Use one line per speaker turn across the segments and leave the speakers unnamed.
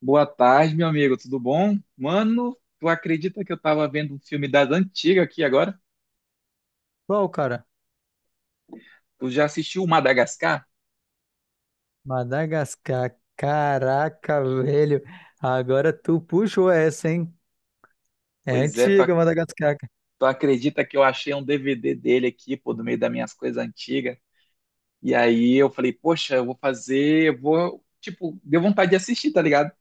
Boa tarde, meu amigo, tudo bom? Mano, tu acredita que eu tava vendo um filme das antigas aqui agora?
Qual, cara?
Tu já assistiu Madagascar?
Madagascar. Caraca, velho. Agora tu puxou essa, hein? É
Pois é, tu,
antiga,
ac-
Madagascar, cara.
tu acredita que eu achei um DVD dele aqui, pô, do meio das minhas coisas antigas? E aí eu falei, poxa, eu vou fazer, eu vou, tipo, deu vontade de assistir, tá ligado?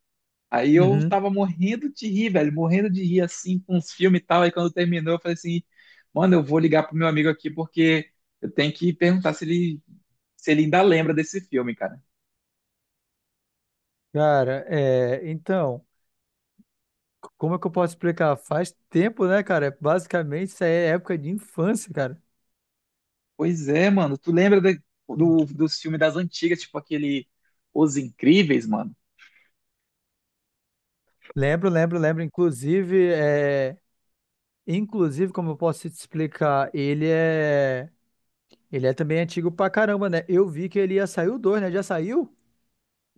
Aí eu
Uhum.
tava morrendo de rir, velho, morrendo de rir assim com os filmes e tal. Aí quando terminou, eu falei assim, mano, eu vou ligar pro meu amigo aqui porque eu tenho que perguntar se ele ainda lembra desse filme, cara.
Cara, então, como é que eu posso explicar? Faz tempo, né, cara? Basicamente, isso aí é época de infância, cara.
Pois é, mano. Tu lembra dos filmes das antigas, tipo aquele Os Incríveis, mano?
Lembro, lembro, lembro. Inclusive, inclusive, como eu posso te explicar, ele é também antigo pra caramba, né? Eu vi que ele ia sair o 2, né? Já saiu?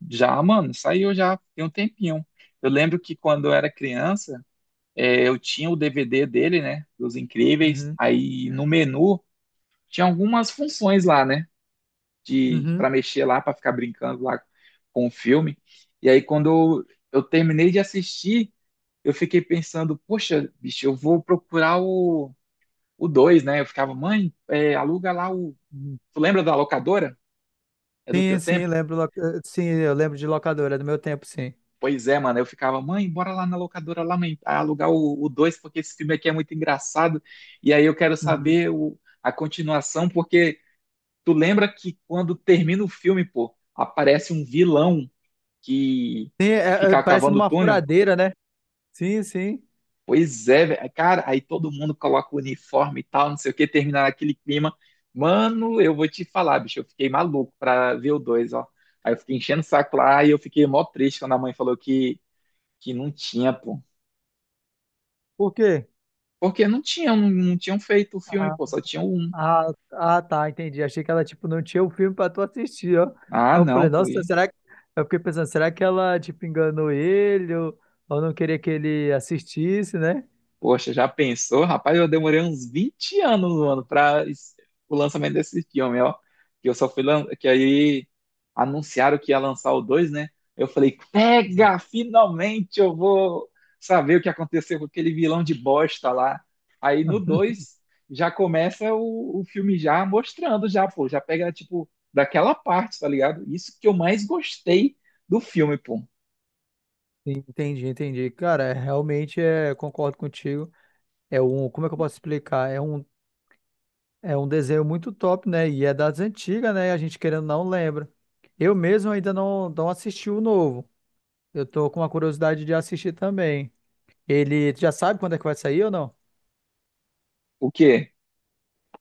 Já, mano, saiu já tem um tempinho. Eu lembro que quando eu era criança, eu tinha o DVD dele, né? Dos Incríveis.
Uhum.
Aí no menu tinha algumas funções lá, né? De, para
Uhum.
mexer lá, para ficar brincando lá com o filme. E aí quando eu terminei de assistir, eu fiquei pensando, poxa, bicho, eu vou procurar o dois, né? Eu ficava, mãe, aluga lá o.
Uhum.
Tu lembra da locadora? É do
Sim,
teu
sim,
tempo?
lembro. Sim, eu lembro de locadora é do meu tempo, sim.
Pois é, mano. Eu ficava, mãe, bora lá na locadora, lá, mãe, pra alugar o 2 porque esse filme aqui é muito engraçado. E aí eu quero
Uhum.
saber a continuação, porque tu lembra que quando termina o filme, pô, aparece um vilão que,
Sim,
que
é, é,
fica
parece
cavando o
numa
túnel?
furadeira, né? Sim, sim.
Pois é, velho. Cara, aí todo mundo coloca o uniforme e tal, não sei o que, terminar aquele clima. Mano, eu vou te falar, bicho, eu fiquei maluco pra ver o 2, ó. Aí eu fiquei enchendo o saco lá e eu fiquei mó triste quando a mãe falou que não tinha, pô.
Por quê?
Porque não tinham, não, não tinham feito o filme,
Ah,
pô, só tinham um.
ah, ah, tá, entendi. Achei que ela, tipo, não tinha o filme pra tu assistir, ó.
Ah,
Aí eu falei,
não, pô.
nossa, será que... Eu fiquei pensando, será que ela, tipo, enganou ele ou não queria que ele assistisse, né?
Poxa, já pensou? Rapaz, eu demorei uns 20 anos, mano, para o lançamento desse filme, ó. Que eu só fui lan... que aí anunciaram que ia lançar o 2, né? Eu falei, pega, finalmente eu vou saber o que aconteceu com aquele vilão de bosta lá. Aí no 2 já começa o filme já mostrando já, pô, já pega tipo daquela parte, tá ligado? Isso que eu mais gostei do filme, pô.
Sim, entendi, entendi. Cara, realmente concordo contigo. Como é que eu posso explicar? É um desenho muito top, né? E é das antigas, né? A gente querendo ou não lembra. Eu mesmo ainda não, não assisti o novo. Eu tô com uma curiosidade de assistir também. Ele tu já sabe quando é que vai sair ou não?
O quê?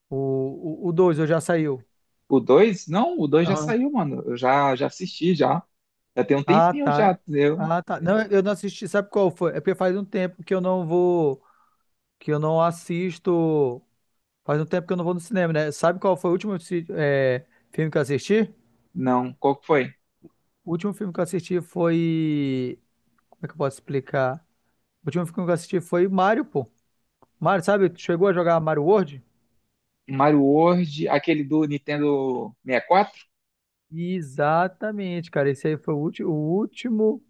O 2 ou já saiu?
O dois? Não, o 2 já
Aham.
saiu, mano. Eu já assisti, já. Já tem um
Ah,
tempinho
tá.
já, entendeu?
Ah, tá. Não, eu não assisti. Sabe qual foi? É porque faz um tempo que eu não vou, que eu não assisto. Faz um tempo que eu não vou no cinema, né? Sabe qual foi o último filme que eu assisti?
Não, qual que foi?
O último filme que eu assisti foi. Como é que eu posso explicar? O último filme que eu assisti foi Mario, pô. Mario, sabe? Tu chegou a jogar Mario World?
Mario World, aquele do Nintendo 64?
Exatamente, cara. Esse aí foi o último, o último,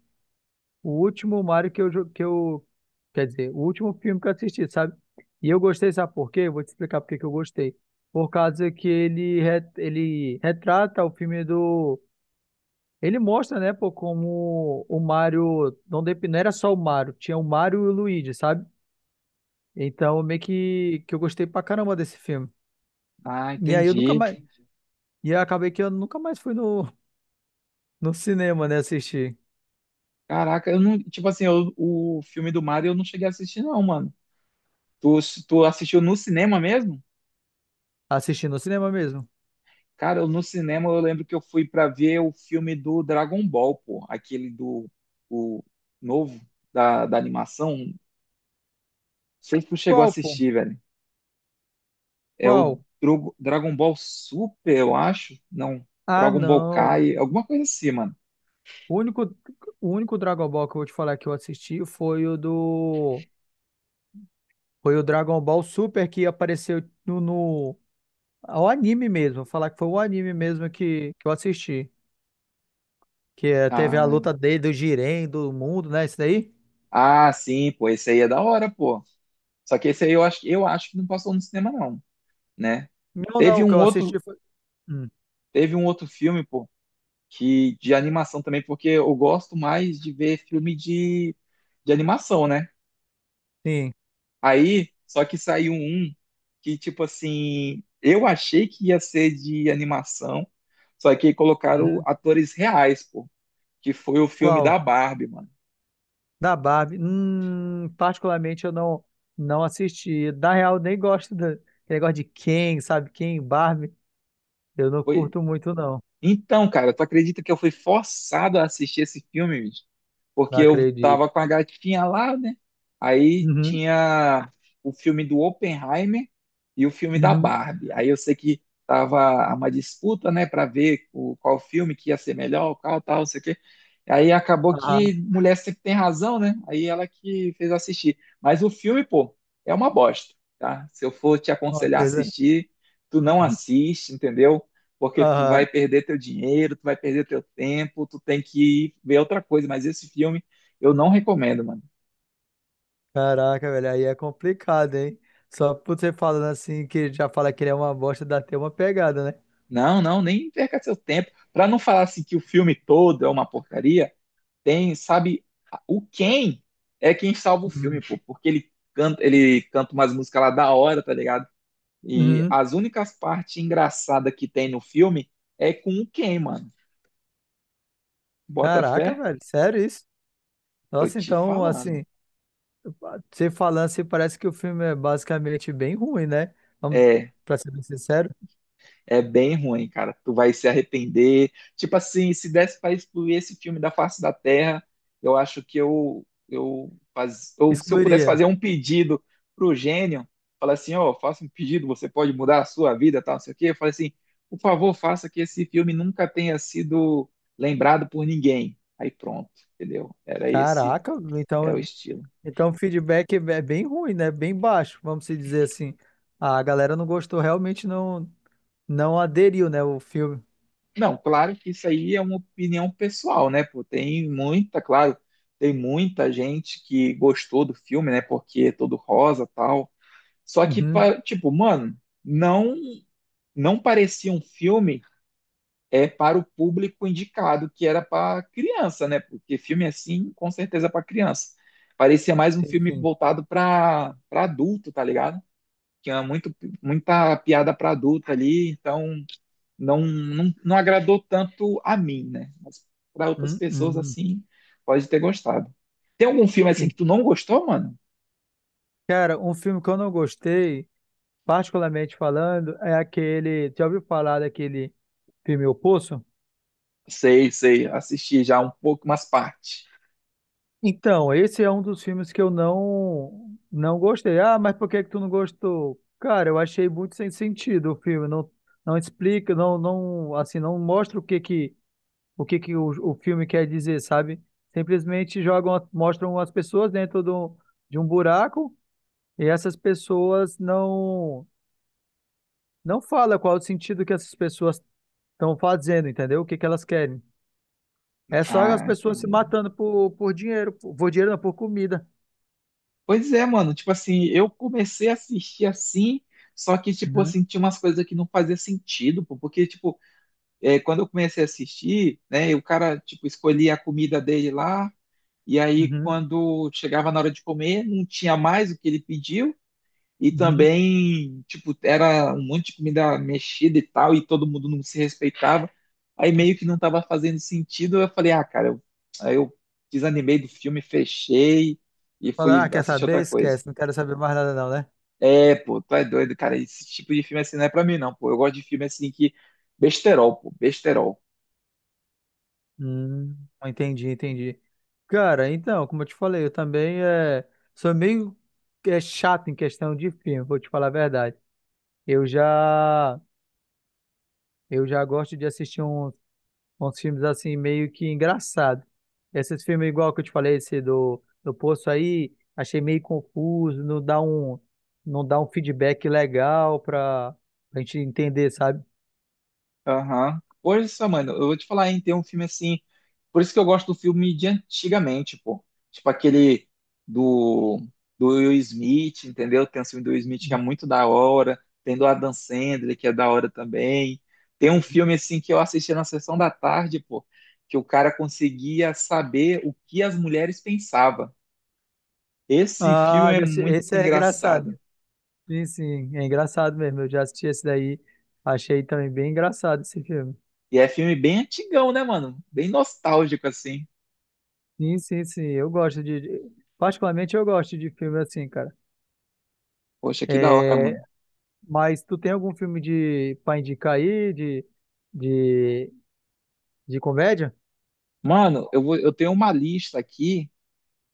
o último Mario que eu, quer dizer, o último filme que eu assisti, sabe? E eu gostei, sabe por quê? Eu vou te explicar por que que eu gostei. Por causa que ele retrata o filme do, ele mostra, né, pô, como o Mario, não, não era só o Mario, tinha o Mario e o Luigi, sabe? Então, meio que eu gostei pra caramba desse filme.
Ah,
E aí eu nunca
entendi.
mais, e eu acabei que eu nunca mais fui no, no cinema, né? Assistir.
Caraca, eu não. Tipo assim, o filme do Mario eu não cheguei a assistir, não, mano. Tu, tu assistiu no cinema mesmo?
Assistir no cinema mesmo.
Cara, no cinema eu lembro que eu fui pra ver o filme do Dragon Ball, pô. Aquele do. O novo da animação. Não sei se tu chegou a
Qual, pô?
assistir, velho. É o
Qual?
Dragon Ball Super, eu acho. Não,
Ah,
Dragon Ball
não.
Kai, alguma coisa assim, mano.
O único, o único Dragon Ball que eu vou te falar que eu assisti foi o do. Foi o Dragon Ball Super que apareceu no, no o anime mesmo. Vou falar que foi o anime mesmo que eu assisti. Que eh, teve a
Ah,
luta dele, do Jiren, do mundo, né? Isso daí?
ah, sim, pô, esse aí é da hora, pô. Só que esse aí eu acho que não passou no cinema, não, né?
Não, não.
Teve
O que
um
eu
outro,
assisti foi. Hum,
teve um outro filme, pô, que de animação também, porque eu gosto mais de ver filme de animação, né?
sim.
Aí, só que saiu um que, tipo assim, eu achei que ia ser de animação, só que colocaram
Uhum.
atores reais, pô. Que foi o filme
Qual?
da Barbie, mano.
Da Barbie, particularmente eu não não assisti. Na real, nem gosto do negócio de Ken, sabe? Ken, Barbie, eu não
Foi...
curto muito, não.
Então, cara, tu acredita que eu fui forçado a assistir esse filme, bicho?
Não
Porque eu
acredito.
tava com a gatinha lá, né? Aí
Uhum,
tinha o filme do Oppenheimer e o filme da
uhum.
Barbie. Aí eu sei que tava uma disputa, né, para ver qual filme que ia ser melhor, qual tal, não sei o quê. Aí acabou
Ah,
que mulher sempre tem razão, né? Aí ela que fez eu assistir. Mas o filme, pô, é uma bosta, tá? Se eu for te
com
aconselhar a
certeza.
assistir, tu não assiste, entendeu? Porque tu vai
Aham.
perder teu dinheiro, tu vai perder teu tempo, tu tem que ir ver outra coisa, mas esse filme eu não recomendo, mano.
Caraca, velho, aí é complicado, hein? Só por você falando assim, que já fala que ele é uma bosta, dá até uma pegada, né?
Não, não, nem perca seu tempo. Pra não falar assim que o filme todo é uma porcaria, tem, sabe, o Ken é quem salva o filme,
Uhum.
pô, porque ele canta, umas músicas lá da hora, tá ligado? E
Uhum.
as únicas partes engraçadas que tem no filme é com o Ken, mano. Bota fé?
Caraca, velho, sério isso?
Tô
Nossa,
te
então,
falando.
assim. Você falando assim, parece que o filme é basicamente bem ruim, né? Vamos,
É,
pra ser bem sincero,
É bem ruim, cara. Tu vai se arrepender. Tipo assim, se desse pra excluir esse filme da face da Terra, eu acho que ou se eu pudesse
excluiria.
fazer um pedido pro gênio, falar assim, ó, faça um pedido, você pode mudar a sua vida, tal, não sei o quê. Eu falo assim, por favor, faça que esse filme nunca tenha sido lembrado por ninguém. Aí pronto, entendeu? Era esse,
Caraca,
é o
então,
estilo.
então o feedback é bem ruim, né? Bem baixo, vamos se dizer assim. A galera não gostou, realmente não, não aderiu, né, o filme.
Não, claro que isso aí é uma opinião pessoal, né? Pô, claro, tem muita gente que gostou do filme, né? Porque é todo rosa, tal. Só que,
Uhum,
tipo, mano, não não parecia um filme para o público indicado, que era para criança, né? Porque filme assim, com certeza é para criança. Parecia mais um
sim,
filme
sim.
voltado para adulto, tá ligado? Tinha muito muita piada para adulto ali, então não agradou tanto a mim, né? Mas para outras
Hum,
pessoas,
hum.
assim, pode ter gostado. Tem algum filme assim
E,
que tu não gostou, mano?
cara, um filme que eu não gostei, particularmente falando, é aquele. Já ouviu falar daquele filme O Poço?
Sei, sei, assisti já um pouco, umas partes.
Então, esse é um dos filmes que eu não não gostei. Ah, mas por que que tu não gostou? Cara, eu achei muito sem sentido o filme. Não, não explica, não, não, assim, não mostra o que que o filme quer dizer, sabe? Simplesmente jogam, mostram as pessoas dentro do, de um buraco e essas pessoas não não fala qual é o sentido que essas pessoas estão fazendo, entendeu? O que que elas querem? É só as
Ah,
pessoas se
entendi.
matando por dinheiro, não, por comida.
Pois é, mano, tipo assim, eu comecei a assistir assim, só que, tipo
Uhum,
assim, tinha umas coisas que não fazia sentido, pô, porque, tipo, quando eu comecei a assistir, né, o cara, tipo, escolhia a comida dele lá, e aí
uhum.
quando chegava na hora de comer, não tinha mais o que ele pediu. E
Uhum.
também, tipo, era um monte de comida mexida e tal, e todo mundo não se respeitava. Aí meio que não estava fazendo sentido. Eu falei, ah, cara, aí eu desanimei do filme, fechei e
Fala,
fui
ah, quer
assistir outra
saber?
coisa.
Esquece, não quero saber mais nada não, né?
É, pô, tu é doido, cara. Esse tipo de filme assim não é pra mim, não, pô. Eu gosto de filme assim que. Besterol, pô, besterol.
Hum, entendi, entendi. Cara, então, como eu te falei, eu também sou meio chato em questão de filme, vou te falar a verdade. Eu já, eu já gosto de assistir uns filmes assim, meio que engraçado. Esses filmes igual que eu te falei, esse do Poço aí, achei meio confuso, não dá um feedback legal pra, pra gente entender, sabe?
Aham. Hoje, só, mano, eu vou te falar, hein, tem um filme assim. Por isso que eu gosto do filme de antigamente, pô. Tipo aquele do, do Will Smith, entendeu? Tem um filme do Will Smith que é muito da hora. Tem do Adam Sandler, que é da hora também. Tem um filme assim que eu assisti na sessão da tarde, pô, que o cara conseguia saber o que as mulheres pensavam. Esse
Ah,
filme é
já sei,
muito
esse é engraçado.
engraçado.
Sim, sim, é engraçado mesmo. Eu já assisti esse daí, achei também bem engraçado esse filme.
E é filme bem antigão, né, mano? Bem nostálgico, assim.
Sim, sim, sim, eu gosto de. De- Particularmente eu gosto de filme assim, cara.
Poxa, que da hora,
É...
mano.
Mas tu tem algum filme de pra indicar aí, de, de comédia?
Mano, eu tenho uma lista aqui,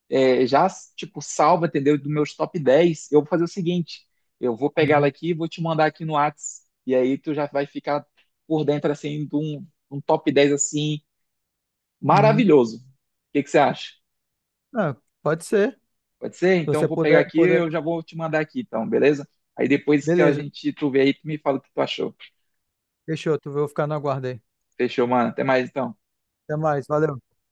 é, já, tipo, salva, entendeu? Dos meus top 10. Eu vou fazer o seguinte: eu vou pegar ela
Uhum.
aqui e vou te mandar aqui no Whats. E aí tu já vai ficar por dentro, assim, de um top 10 assim,
Uhum.
maravilhoso. O que que você acha?
Ah, pode ser. Se
Pode ser? Então eu
você
vou pegar
puder,
aqui e
puder.
eu já vou te mandar aqui, então, beleza? Aí depois que a
Beleza,
gente tu vê aí, tu me fala o que tu achou.
fechou, tu vou ficar no aguardo aí.
Fechou, mano. Até mais, então.
Até mais, valeu.